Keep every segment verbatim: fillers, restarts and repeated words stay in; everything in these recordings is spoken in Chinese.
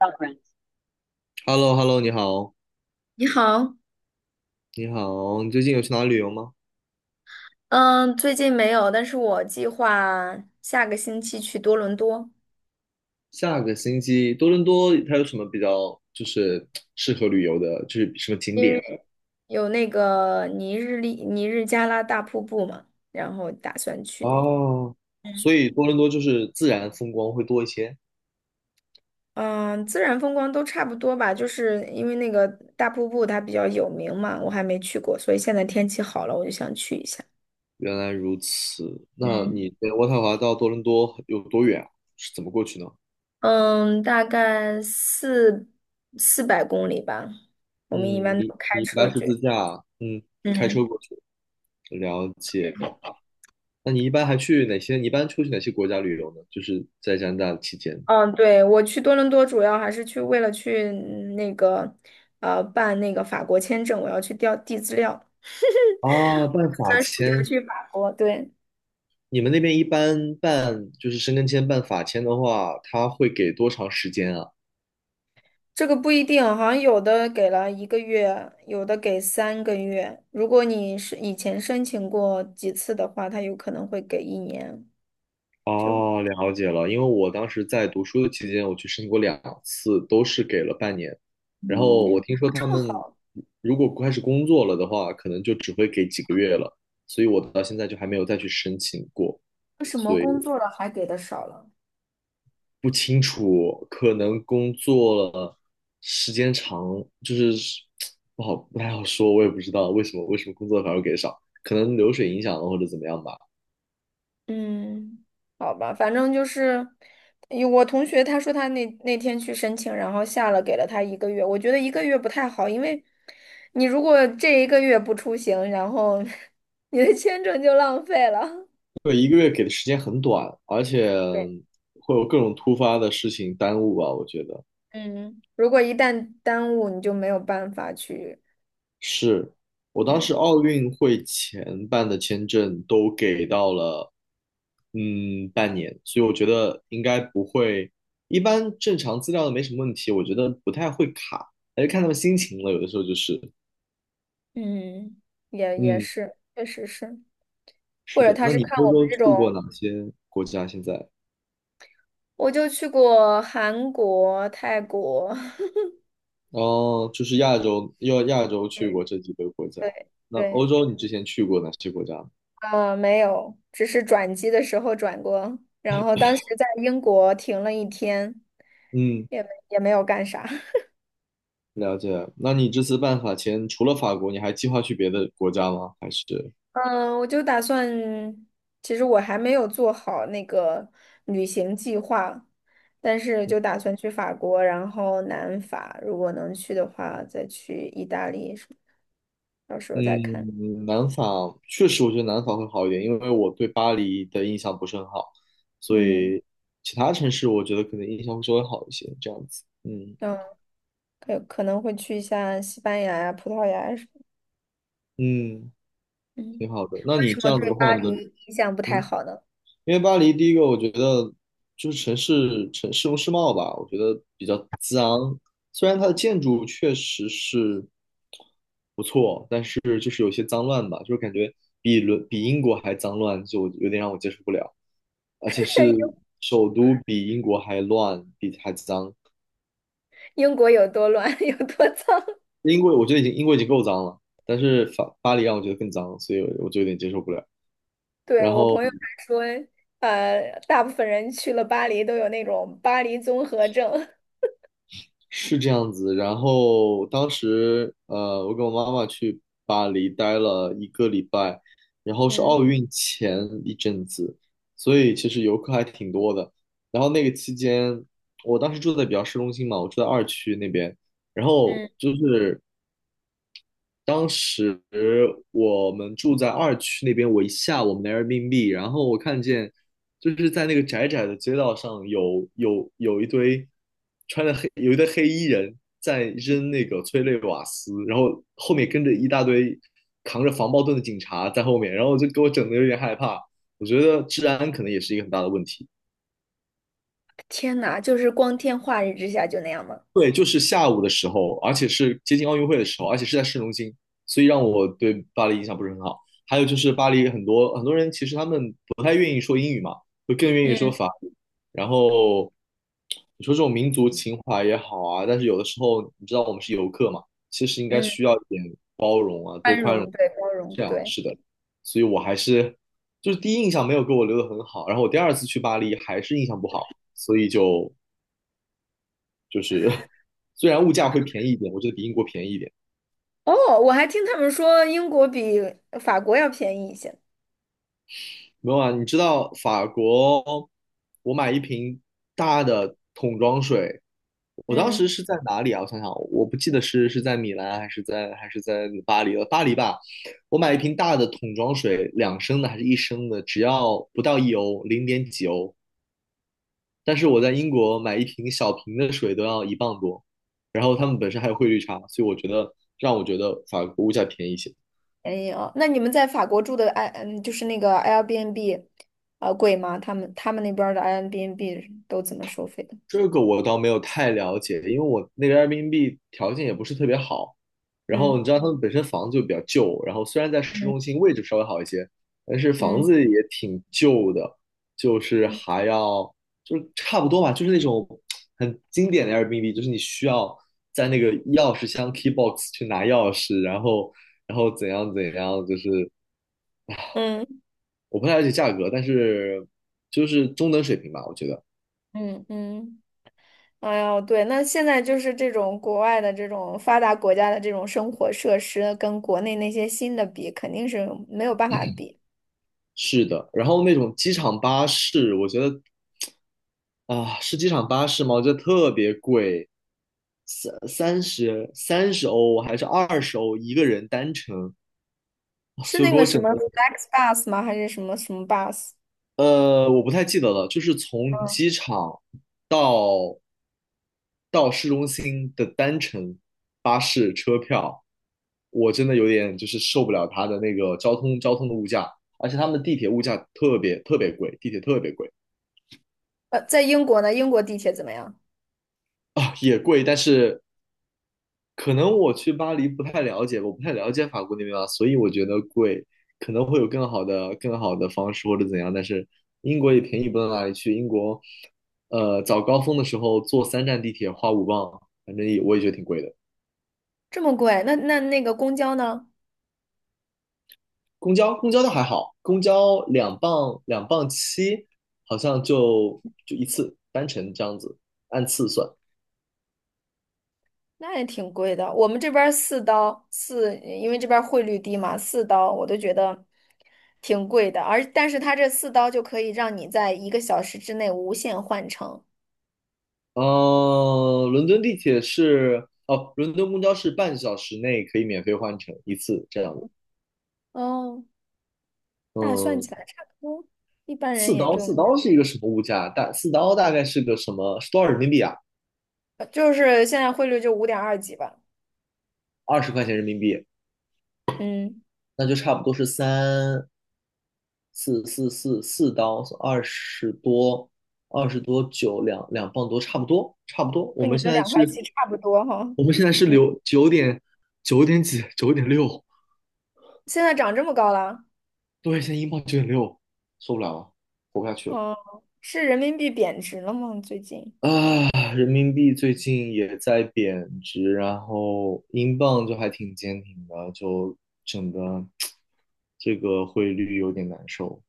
要不然 h e l l o h e l l o 你好，你好，你好，你最近有去哪里旅游吗？嗯，最近没有，但是我计划下个星期去多伦多，下个星期多伦多它有什么比较就是 适合旅游的，就是什么景因点？为有那个尼日利尼日加拉大瀑布嘛，然后打算去那里。哦，所嗯。以多伦多就是自然风光会多一些。嗯。自然风光都差不多吧，就是因为那个大瀑布它比较有名嘛，我还没去过，所以现在天气好了，我就想去一下。原来如此，那嗯。你在渥太华到多伦多有多远啊，是怎么过去呢？嗯，大概四四百公里吧，我嗯，们一般都你开你一车般是去。自驾，嗯，开车嗯。过去，了解。那你一般还去哪些？你一般出去哪些国家旅游呢？就是在加拿大期间。嗯，对，我去多伦多主要还是去为了去嗯那个，呃，办那个法国签证，我要去调递资料，啊，办打法算暑假签。去法国。对。你们那边一般办就是申根签、办法签的话，他会给多长时间啊？这个不一定，好像有的给了一个月，有的给三个月。如果你是以前申请过几次的话，他有可能会给一年。就哦，了解了。因为我当时在读书的期间，我去申请过两次，都是给了半年。然后我听说他这么们好。如果开始工作了的话，可能就只会给几个月了。所以我到现在就还没有再去申请过。为什么所以。工作了还给的少了？不清楚，可能工作了时间长，就是不好不太好说，我也不知道为什么为什么工作反而给少，可能流水影响了或者怎么样吧。嗯，好吧，反正就是，有我同学他说他那那天去申请，然后下了给了他一个月，我觉得一个月不太好，因为你如果这一个月不出行，然后 你的签证就浪费了。对，一个月给的时间很短，而且对。会有各种突发的事情耽误吧，我觉得。嗯，如果一旦耽误，你就没有办法去。是，我当时嗯。奥运会前办的签证都给到了，嗯，半年，所以我觉得应该不会，一般正常资料都没什么问题，我觉得不太会卡，还是看他们心情了，有的时候就是，嗯，也也嗯，是，确实是。或是者的。他那是你看欧我们洲这去种，过哪些国家？现在？我就去过韩国、泰国，哦，就是亚洲，要亚洲 去对。过这几个国家。对那欧对。洲你之前去过哪些国家？呃，没有，只是转机的时候转过，然后当时在英国停了一天，嗯，也没也没有干啥。了解。那你这次办法前，除了法国，你还计划去别的国家吗？还是？嗯，我就打算，其实我还没有做好那个旅行计划，但是就打算去法国，然后南法，如果能去的话，再去意大利什么的，到时候再看。嗯，南法确实，我觉得南法会好一点，因为我对巴黎的印象不是很好，所嗯。以其他城市我觉得可能印象会稍微好一些，这样子。嗯嗯，可可能会去一下西班牙呀、葡萄牙呀什么。嗯，嗯，挺好的。那为你什这么样子对的巴话，你的黎印象不嗯，太好呢？因为巴黎第一个，我觉得就是城市城市容市貌吧，我觉得比较脏，虽然它的建筑确实是。就是就是有些脏乱吧，就是感觉比伦比英国还脏乱，就有点让我接受不了。而且是 首都比英国还乱，比还脏。英国有多乱，有多脏。英国我觉得已经英国已经够脏了，但是法巴黎让我觉得更脏，所以我我就有点接受不了。对，然我后朋友还说，呃，大部分人去了巴黎都有那种巴黎综合症。是这样子，然后当时呃，我跟我妈妈去巴黎待了一个礼拜，然后是嗯。奥运前一阵子，所以其实游客还挺多的。然后那个期间，我当时住在比较市中心嘛，我住在二区那边，然后嗯，就是当时我们住在二区那边，我一下我们的 Airbnb，然后我看见就是在那个窄窄的街道上有有有一堆穿着黑有一堆黑衣人在扔那个催泪瓦斯，然后后面跟着一大堆扛着防爆盾的警察在后面，然后就给我整的有点害怕。我觉得治安可能也是一个很大的问题。天呐，就是光天化日之下就那样吗？对，就是下午的时候，而且是接近奥运会的时候，而且是在市中心，所以让我对巴黎印象不是很好。还有就是巴黎很多很多人其实他们不太愿意说英语嘛，就更愿意说嗯。法语。然后你说这种民族情怀也好啊，但是有的时候你知道我们是游客嘛，其实应该嗯，需要一点包容啊，多宽宽容，容。对，包容，这样对。是的，所以我还是就是第一印象没有给我留的很好，然后我第二次去巴黎还是印象不好，所以就就是虽然物价会便宜一点，我觉得比英国便宜一点。哦，我还听他们说英国比法国要便宜一些。没有啊，你知道法国，我买一瓶大的桶装水，我当时嗯，是在哪里啊？我想想，我不记得是是在米兰还是在还是在巴黎了，巴黎吧。我买一瓶大的桶装水，两升的还是一升的，只要不到一欧，零点几欧。但是我在英国买一瓶小瓶的水都要一磅多，然后他们本身还有汇率差，所以我觉得让我觉得法国物价便宜一些。便宜哦。那你们在法国住的 i 嗯，就是那个 Airbnb，啊，贵吗？他们他们那边儿的 Airbnb 都怎么收费的？这个我倒没有太了解，因为我那个 Airbnb 条件也不是特别好，然后你嗯。知道他们本身房子就比较旧，然后虽然在市嗯。中心位置稍微好一些，但是房嗯。子也挺旧的，就是嗯。还要就是差不多吧，就是那种很经典的 Airbnb，就是你需要在那个钥匙箱 key box 去拿钥匙，然后然后怎样怎样，就是嗯。我不太了解价格，但是就是中等水平吧，我觉得。嗯。嗯。哎呦，对，那现在就是这种国外的这种发达国家的这种生活设施，跟国内那些新的比，肯定是没有办法比。是的，然后那种机场巴士，我觉得啊，是机场巴士吗？我觉得特别贵，三三十三十欧还是二十欧一个人单程，啊是就那给个我什整么 的，FlexBus 吗？还是什么什么 bus？呃，我不太记得了，就是从嗯。机场到到市中心的单程巴士车票，我真的有点就是受不了它的那个交通交通的物价，而且他们的地铁物价特别特别贵，地铁特别贵。呃，在英国呢，英国地铁怎么样？啊，也贵，但是可能我去巴黎不太了解，我不太了解法国那边啊，所以我觉得贵，可能会有更好的、更好的方式或者怎样。但是英国也便宜不到哪里去，英国，呃，早高峰的时候坐三站地铁花五磅，反正也我也觉得挺贵的。这么贵？那那那个公交呢？公交公交倒还好，公交两磅两磅七，好像就就一次单程这样子，按次算。那也挺贵的。我们这边儿四刀四，因为这边儿汇率低嘛，四刀我都觉得挺贵的。而但是它这四刀就可以让你在一个小时之内无限换乘。呃，伦敦地铁是哦，伦敦公交是半小时内可以免费换乘一次这样子。哦，那算嗯，起来差不多，一般人四也刀，就四刀是一个什么物价？大四刀大概是个什么？是多少人民币啊？呃就是现在汇率就五点二几吧。二十块钱人民币，嗯，那就差不多是三四四四四刀，二十多，二十多九两两磅多，差不多，差不多。我跟你们的现在两块是，七差不多哈。我们现在是嗯，留九点九点几，九点六，现在涨这么高了。对，现在英镑九点六，受不了了，活不下去了。哦，是人民币贬值了吗？最近啊，人民币最近也在贬值，然后英镑就还挺坚挺的，就整个这个汇率有点难受。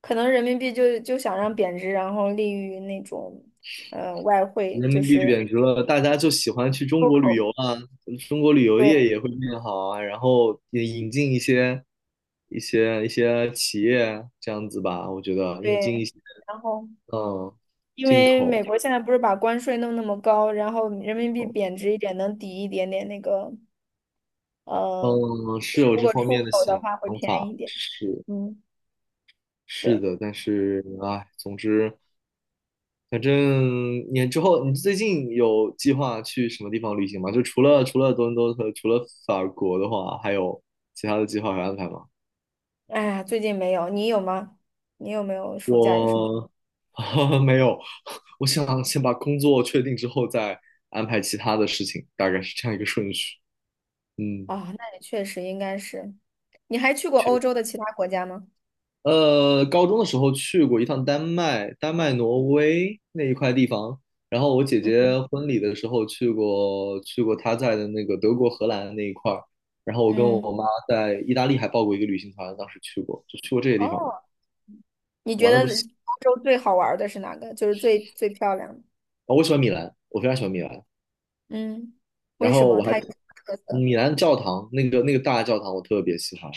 可能人民币就就想让贬值，然后利于那种呃外汇，人就民币是贬值了，大家就喜欢去中出国旅口。游啊，中国旅游业对也会变好啊，然后也引进一些一些一些企业这样子吧，我觉得引进对，一些，然后。嗯，因进为美口，国现在不是把关税弄那么高，然后人民币贬值一点，能抵一点点那个呃，嗯，是有如这果方出面的口的想话会便宜法，一点。是。嗯，是对。的，但是哎，总之，反正你之后，你最近有计划去什么地方旅行吗？就除了除了多伦多和除了法国的话，还有其他的计划和安排吗？哎呀，最近没有，你有吗？你有没有暑假有什么？我 没有，我想先把工作确定之后再安排其他的事情，大概是这样一个顺序。嗯。啊、那你确实应该是。你还去过欧洲的其他国家吗？呃，高中的时候去过一趟丹麦、丹麦、挪威那一块地方，然后我姐嗯。姐婚礼的时候去过，去过她在的那个德国、荷兰那一块儿，然后我跟嗯，我妈在意大利还报过一个旅行团，当时去过，就去过这些地方了，哦，你觉玩的不得行。欧洲最好玩儿的是哪个？就是最最漂亮的。哦，我喜欢米兰，我非常喜欢米兰，嗯，为然什后么？我还它有什么特色？米兰教堂那个那个大教堂我特别喜欢，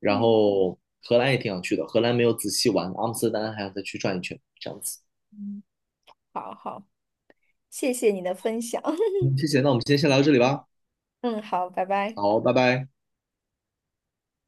然嗯。后荷兰也挺想去的，荷兰没有仔细玩，阿姆斯特丹还想再去转一圈，这样子。嗯，好好，谢谢你的分享。嗯，谢谢，那我们今天先聊到这里吧。嗯，好，拜拜。好，拜拜。